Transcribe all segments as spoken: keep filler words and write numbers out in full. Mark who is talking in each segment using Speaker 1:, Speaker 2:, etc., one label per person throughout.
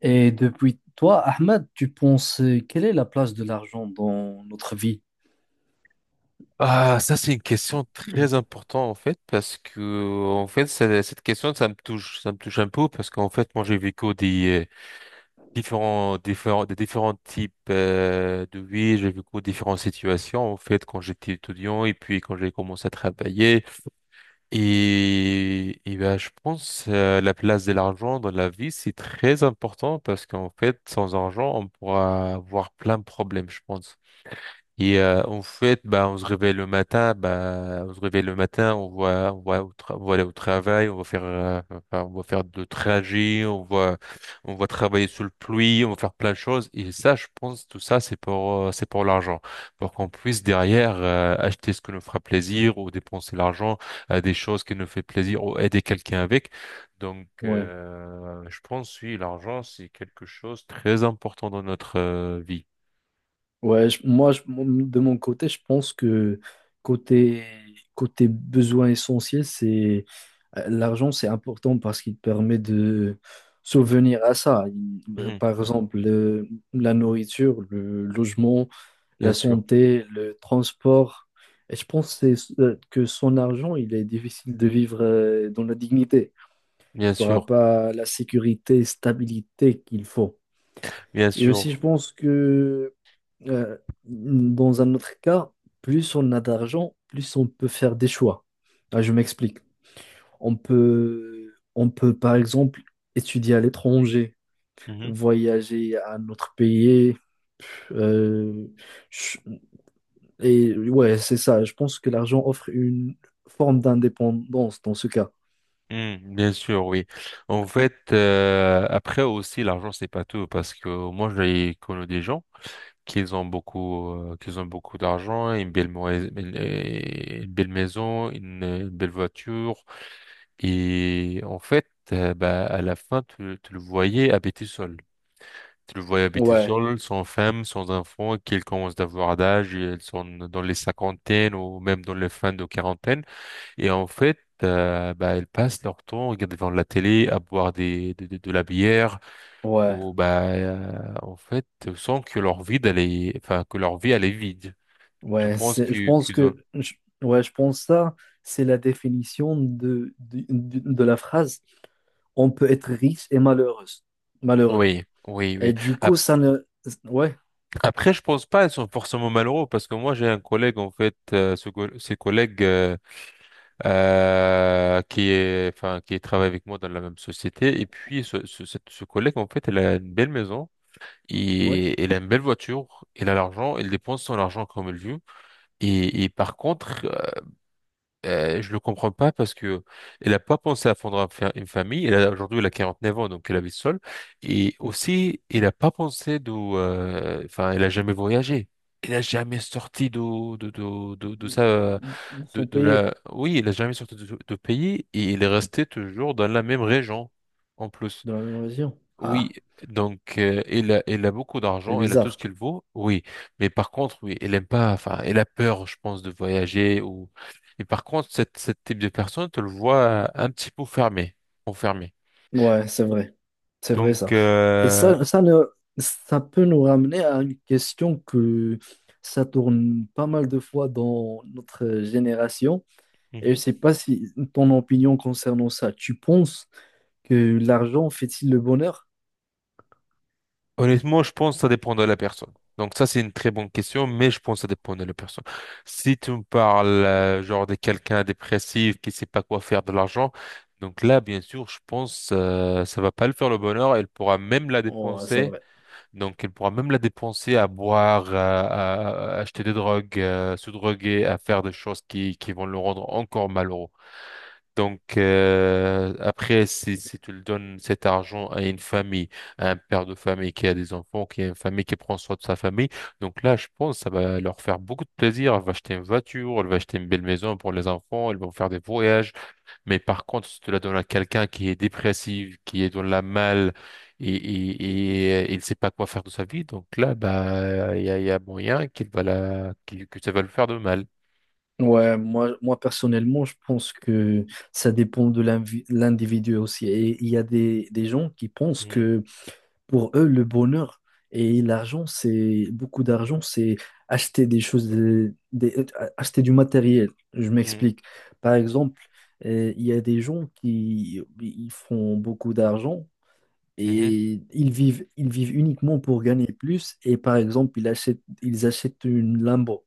Speaker 1: Et depuis toi, Ahmed, tu penses euh, quelle est la place de l'argent dans notre vie?
Speaker 2: Ah, ça c'est une question très importante en fait, parce que en fait ça- cette question ça me touche ça me touche un peu, parce qu'en fait moi j'ai vécu des euh, différents différents des différents types euh, de vie. J'ai vécu différentes situations en fait quand j'étais étudiant et puis quand j'ai commencé à travailler. Et et ben je pense, euh, la place de l'argent dans la vie c'est très important, parce qu'en fait sans argent on pourra avoir plein de problèmes, je pense. Et euh, en fait, bah, on se réveille le matin, bah, on se réveille le matin. On voit, on voit, au tra- on va aller au travail, on va faire, euh, enfin, on va faire de trajet. On va, on va travailler sous le pluie, on va faire plein de choses. Et ça, je pense, tout ça, c'est pour, euh, c'est pour l'argent, pour qu'on puisse derrière euh, acheter ce qui nous fera plaisir, ou dépenser l'argent à des choses qui nous fait plaisir, ou aider quelqu'un avec. Donc,
Speaker 1: Ouais,
Speaker 2: euh, je pense, oui, l'argent, c'est quelque chose de très important dans notre euh, vie.
Speaker 1: ouais, je- moi, je- mon- de mon côté, je pense que côté, côté besoin essentiel, c'est euh, l'argent, c'est important parce qu'il permet de souvenir à ça. Il- bah,
Speaker 2: Mhm.
Speaker 1: Par exemple, le- la nourriture, le logement, la
Speaker 2: Bien sûr,
Speaker 1: santé, le transport. Et je pense que c'est- euh, que son argent, il est difficile de vivre euh, dans la dignité.
Speaker 2: bien
Speaker 1: Tu n'auras
Speaker 2: sûr.
Speaker 1: pas la sécurité, stabilité qu'il faut.
Speaker 2: Bien
Speaker 1: Et aussi, je
Speaker 2: sûr.
Speaker 1: pense que euh, dans un autre cas, plus on a d'argent, plus on peut faire des choix. Ah, je m'explique. On peut, on peut, par exemple, étudier à l'étranger,
Speaker 2: Mhm.
Speaker 1: voyager à un autre pays. euh, je- et ouais, c'est ça. Je pense que l'argent offre une forme d'indépendance dans ce cas.
Speaker 2: Mhm, bien sûr, oui. En fait, euh, après aussi, l'argent, c'est pas tout, parce que moi, j'ai connu des gens qui ont beaucoup, euh, qui ont beaucoup d'argent, une belle, moi- une euh, une belle maison, une, une belle voiture. Et en fait, euh, bah, à la fin, tu, tu le voyais habiter seul. Tu le voyais habiter
Speaker 1: Ouais.
Speaker 2: seul, sans femme, sans enfant, qu'ils commencent d'avoir d'âge, et elles sont dans les cinquantaines ou même dans les fins de quarantaine. Et en fait, euh, bah, elles passent leur temps à regarder devant la télé, à boire des, de, de- de la bière.
Speaker 1: Ouais,
Speaker 2: Ou bah, euh, en fait, sans que leur vie, elle est, enfin, que leur vie, elle est vide. Je
Speaker 1: ouais,
Speaker 2: pense
Speaker 1: c'est, je
Speaker 2: que,
Speaker 1: pense
Speaker 2: qu'ils ont...
Speaker 1: que, je- ouais, je pense ça, c'est la définition de, de, de- de la phrase. On peut être riche et malheureuse, malheureux.
Speaker 2: Oui, oui,
Speaker 1: Et
Speaker 2: oui.
Speaker 1: du coup,
Speaker 2: Ap-
Speaker 1: ça ne, ouais,
Speaker 2: Après, je pense pas, elles sont forcément malheureux, parce que moi, j'ai un collègue, en fait, euh, ce, co- ce collègue, euh, euh, qui est, enfin, qui travaille avec moi dans la même société. Et puis ce, ce, cette- ce collègue, en fait, elle a une belle maison.
Speaker 1: ouais,
Speaker 2: Et elle a une belle voiture, elle a l'argent, elle dépense son argent comme elle veut. Et, et par contre, euh, euh, je le comprends pas, parce que elle a pas pensé à fondre un fa- une famille. Elle a aujourd'hui elle a neuf ans, donc elle habite seule. Et
Speaker 1: ouf,
Speaker 2: aussi, elle a pas pensé de, euh, enfin, elle a jamais voyagé. Elle a jamais sorti de de de de, de sa
Speaker 1: ils
Speaker 2: de,
Speaker 1: sont
Speaker 2: de
Speaker 1: payés
Speaker 2: la, oui, elle a jamais sorti de, de pays, et elle est restée toujours dans la même région en plus.
Speaker 1: dans la même région.
Speaker 2: Oui,
Speaker 1: Ah,
Speaker 2: donc euh, il a, il a beaucoup
Speaker 1: c'est
Speaker 2: d'argent, il a tout ce
Speaker 1: bizarre.
Speaker 2: qu'il veut, oui. Mais par contre, oui, il aime pas, enfin, il a peur, je pense, de voyager ou. Et par contre, cette, cette type de personne, tu le vois euh, un petit peu fermé, enfermé.
Speaker 1: Ouais, c'est vrai, c'est vrai
Speaker 2: Donc,
Speaker 1: ça. Et
Speaker 2: euh,
Speaker 1: ça, ça ne, ça peut nous ramener à une question que ça tourne pas mal de fois dans notre génération. Et je
Speaker 2: mhm.
Speaker 1: sais pas si ton opinion concernant ça, tu penses que l'argent fait-il le bonheur?
Speaker 2: Honnêtement, je pense que ça dépend de la personne. Donc ça, c'est une très bonne question, mais je pense que ça dépend de la personne. Si tu me parles, euh, genre de quelqu'un dépressif qui sait pas quoi faire de l'argent, donc là, bien sûr, je pense euh, ça va pas le faire le bonheur. Elle pourra même la
Speaker 1: Oh, c'est
Speaker 2: dépenser
Speaker 1: vrai.
Speaker 2: donc, elle pourra même la dépenser à boire, à, à- à acheter des drogues, à se droguer, à faire des choses qui, qui vont le rendre encore malheureux. Donc, euh, après, si, si tu le donnes cet argent à une famille, à un père de famille qui a des enfants, qui a une famille qui prend soin de sa famille, donc là, je pense que ça va leur faire beaucoup de plaisir. Elle va acheter une voiture, elle va acheter une belle maison pour les enfants, elles vont faire des voyages. Mais par contre, si tu la donnes à quelqu'un qui est dépressif, qui est dans la malle et, et, et, euh, il ne sait pas quoi faire de sa vie, donc là, bah, il y a, il y a moyen qu'il va la, qu'il- que ça va le faire de mal.
Speaker 1: Ouais, moi, moi personnellement, je pense que ça dépend de l'invi- l'individu aussi. Et il y a des, des gens qui pensent
Speaker 2: Mhm,
Speaker 1: que pour eux, le bonheur et l'argent, c'est beaucoup d'argent, c'est acheter des choses, euh, des- euh, acheter du matériel. Je
Speaker 2: mhm,
Speaker 1: m'explique. Par exemple, euh, il y a des gens qui ils font beaucoup d'argent et ils vivent, ils vivent uniquement pour gagner plus. Et par exemple, ils achètent, ils achètent une Lambo.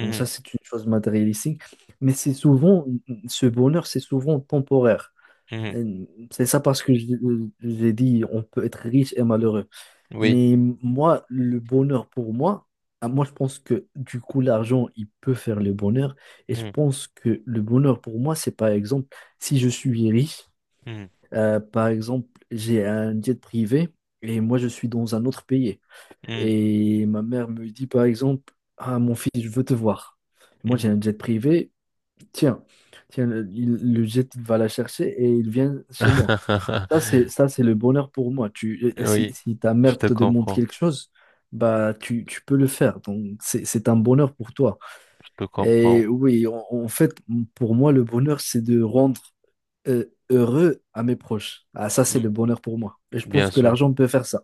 Speaker 1: Donc ça, c'est une chose matérialistique. Mais c'est souvent, ce bonheur, c'est souvent temporaire.
Speaker 2: mhm,
Speaker 1: Euh, C'est ça parce que je- je- j'ai dit, on peut être riche et malheureux.
Speaker 2: mhm. Oui.
Speaker 1: Mais moi, le bonheur pour moi, ah, moi je pense que du coup l'argent, il peut faire le bonheur. Et je
Speaker 2: Mhm,
Speaker 1: pense que le bonheur pour moi, c'est par exemple, si je suis riche,
Speaker 2: mhm,
Speaker 1: euh, par exemple, j'ai un jet privé et moi je suis dans un autre pays. Et ma mère me dit par exemple, ah mon fils, je veux te voir.
Speaker 2: mhm,
Speaker 1: Moi j'ai
Speaker 2: mhm.
Speaker 1: un jet privé, tiens, tiens, le, il- le jet va la chercher et il vient chez moi. Ça, c'est, ça, c'est le bonheur pour moi. Tu, euh, euh, si,
Speaker 2: Oui,
Speaker 1: si ta
Speaker 2: je
Speaker 1: mère
Speaker 2: te
Speaker 1: te demande
Speaker 2: comprends,
Speaker 1: quelque chose, bah, tu, tu peux le faire. Donc, c'est, c'est un bonheur pour toi.
Speaker 2: je te
Speaker 1: Et
Speaker 2: comprends.
Speaker 1: oui, en, en fait, pour moi, le bonheur, c'est de rendre euh, heureux à mes proches. Ah, ça, c'est
Speaker 2: Mhm,
Speaker 1: le bonheur pour moi. Et je pense
Speaker 2: bien
Speaker 1: que
Speaker 2: sûr.
Speaker 1: l'argent peut faire ça.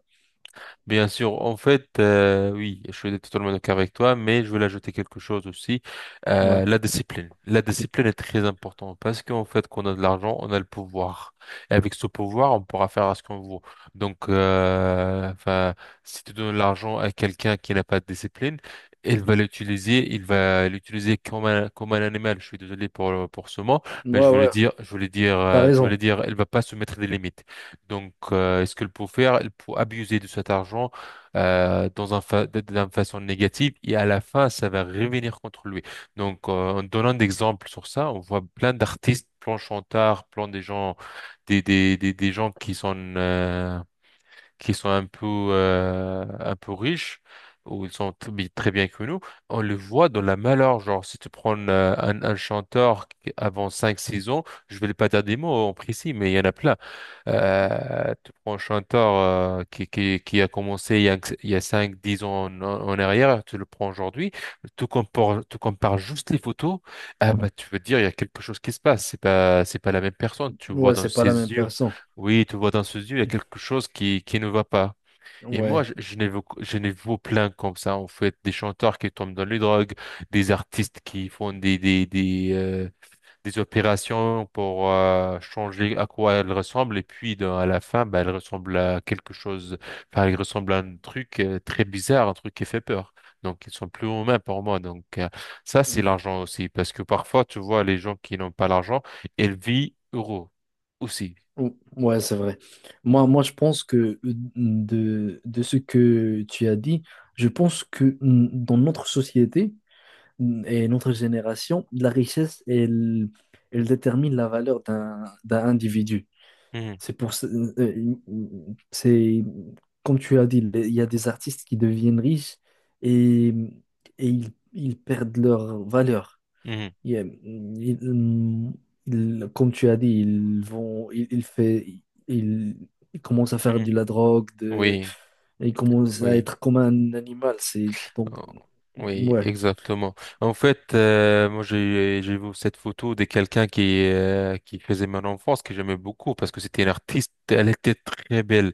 Speaker 2: Bien sûr, en fait, euh, oui, je suis totalement d'accord avec toi, mais je voulais ajouter quelque chose aussi, euh,
Speaker 1: Ouais.
Speaker 2: la discipline. La discipline est très importante, parce qu'en fait, quand on a de l'argent, on a le pouvoir. Et avec ce pouvoir, on pourra faire ce qu'on veut. Donc, euh, enfin, si tu donnes l'argent à quelqu'un qui n'a pas de discipline, il va l'utiliser, il va l'utiliser comme un, comme un animal. Je suis désolé pour, pour ce mot, mais je
Speaker 1: Ouais,
Speaker 2: voulais
Speaker 1: ouais.
Speaker 2: dire, je voulais dire,
Speaker 1: T'as
Speaker 2: euh, je voulais
Speaker 1: raison.
Speaker 2: dire, il va pas se mettre des limites. Donc, euh, est-ce qu'elle peut faire? Elle peut abuser de cet argent, euh, dans un fa- de- d'une façon négative, et à la fin, ça va revenir contre lui. Donc, euh, en donnant d'exemples sur ça, on voit plein d'artistes, plein de chanteurs, plein des gens, des, des, des, des gens qui sont, euh, qui sont un peu, euh, un peu riches. Ou ils sont tr- très bien que nous, on le voit dans la malheur. Genre, si tu prends, euh, un, un chanteur qui- avant cinq six ans, je vais pas dire des mots en précis, mais il y en a plein. Euh, tu prends un chanteur, euh, qui, qui, qui a commencé il y a, il y a cinq dix ans en, en arrière, tu le prends aujourd'hui, tu compares, tu compares juste les photos. Ah bah, tu veux dire, il y a quelque chose qui se passe, c'est pas, c'est pas la même personne, tu vois
Speaker 1: Ouais,
Speaker 2: dans
Speaker 1: c'est pas la même
Speaker 2: ses yeux,
Speaker 1: personne.
Speaker 2: oui, tu vois dans ses yeux, il y a quelque chose qui, qui ne va pas. Et moi,
Speaker 1: Ouais.
Speaker 2: je, je n'ai vu, je n'ai vu plein comme ça, en fait, des chanteurs qui tombent dans les drogues, des artistes qui font des, des, des, euh, des opérations pour euh, changer à quoi elle ressemble, et puis dans- à la fin, bah, elle ressemble à quelque chose, enfin elle ressemble à un truc, euh, très bizarre, un truc qui fait peur. Donc ils sont plus humains pour moi. Donc, euh, ça c'est l'argent aussi, parce que parfois tu vois les gens qui n'ont pas l'argent, ils vivent heureux aussi.
Speaker 1: Ou- Ouais, c'est vrai. Moi, moi, je pense que euh, de, de ce que tu as dit, je pense que mm, dans notre société, et notre génération, la richesse, elle, elle détermine la valeur d'un d'un individu.
Speaker 2: Mhm,
Speaker 1: C'est pour ce- euh, euh, c'est comme tu as dit, il y a des artistes qui deviennent riches et, et ils, ils perdent leur valeur.
Speaker 2: mhm,
Speaker 1: Il y a- ils- ils- Comme tu as dit, ils vont, ils, ils fait, ils, ils commencent à faire
Speaker 2: mhm.
Speaker 1: de la drogue, de,
Speaker 2: Oui.
Speaker 1: ils commencent à
Speaker 2: Oui.
Speaker 1: être comme un animal. C'est donc
Speaker 2: Oh, oui,
Speaker 1: ouais,
Speaker 2: exactement. En fait, euh, moi j'ai j'ai vu cette photo de quelqu'un qui, euh, qui faisait mon enfance, que j'aimais beaucoup, parce que c'était une artiste. Elle était très belle.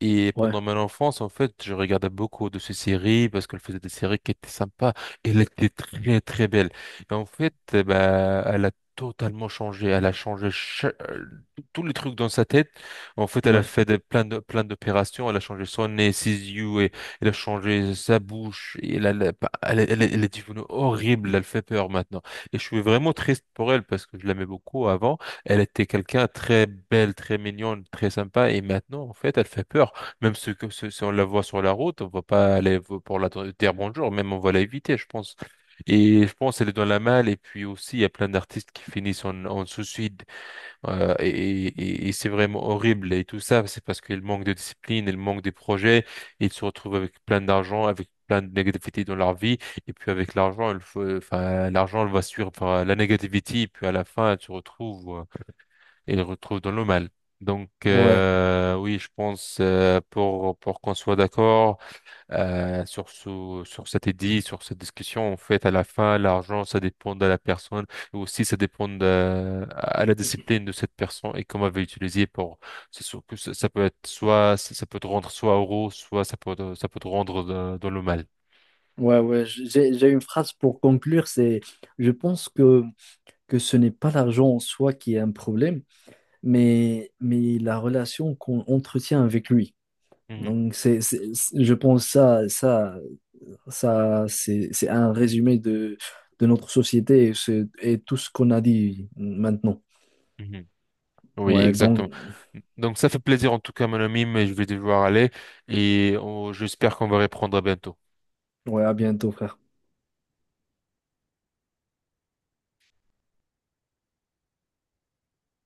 Speaker 2: Et
Speaker 1: ouais,
Speaker 2: pendant mon enfance, en fait, je regardais beaucoup de ces séries parce qu'elle faisait des séries qui étaient sympas. Elle était très, très belle. Et en fait, eh ben, elle a totalement changé. Elle a changé cha- euh, tous les trucs dans sa tête. En fait, elle a
Speaker 1: ouais.
Speaker 2: fait des- plein de, plein d'opérations. Elle a changé son nez, ses yeux, et elle a changé sa bouche. Et elle, elle, elle, est elle elle est devenue horrible. Elle fait peur maintenant. Et je suis vraiment triste pour elle parce que je l'aimais beaucoup avant. Elle était quelqu'un de très belle, très mignonne, très sympa. Et maintenant, en fait, elle fait peur. Même ceux que ceux, si on la voit sur la route, on va pas aller v- pour la dr- dire bonjour, même on va l'éviter, je pense. Et je pense qu'elle est dans la malle. Et puis aussi, il y a plein d'artistes qui finissent en, en suicide. euh, et et, et c'est vraiment horrible. Et tout ça, c'est parce qu'ils manquent de discipline, ils manquent de projets. Ils se retrouvent avec plein d'argent, avec plein de négativité dans leur vie. Et puis avec l'argent, il faut, enfin, l'argent, elle va suivre enfin, la négativité. Et puis à la fin, tu retrouves il retrouve dans le mal. Donc,
Speaker 1: Ouais.
Speaker 2: euh, oui, je pense, euh, pour pour qu'on soit d'accord, euh, sur ce sur cet édit, sur cette discussion. En fait, à la fin, l'argent, ça dépend de la personne, et aussi ça dépend de, à la discipline de cette personne et comment elle va l'utiliser pour. C'est sûr que ça, ça peut être, soit ça, ça peut te rendre soit heureux, soit ça peut te- ça peut te rendre dans, dans le mal.
Speaker 1: Ouais, ouais, j'ai, j'ai une phrase pour conclure, c'est je pense que, que ce n'est pas l'argent en soi qui est un problème, mais, mais la relation qu'on entretient avec lui.
Speaker 2: Mhm,
Speaker 1: Donc, c'est, c'est- c'est- je pense ça, ça, ça, c'est, c'est un résumé de, de notre société et, c'est- et tout ce qu'on a dit maintenant.
Speaker 2: mhm. Oui,
Speaker 1: Ouais, donc,
Speaker 2: exactement. Donc ça fait plaisir en tout cas, mon ami, mais je vais devoir aller, et on- j'espère qu'on va reprendre bientôt.
Speaker 1: ouais, à bientôt, frère.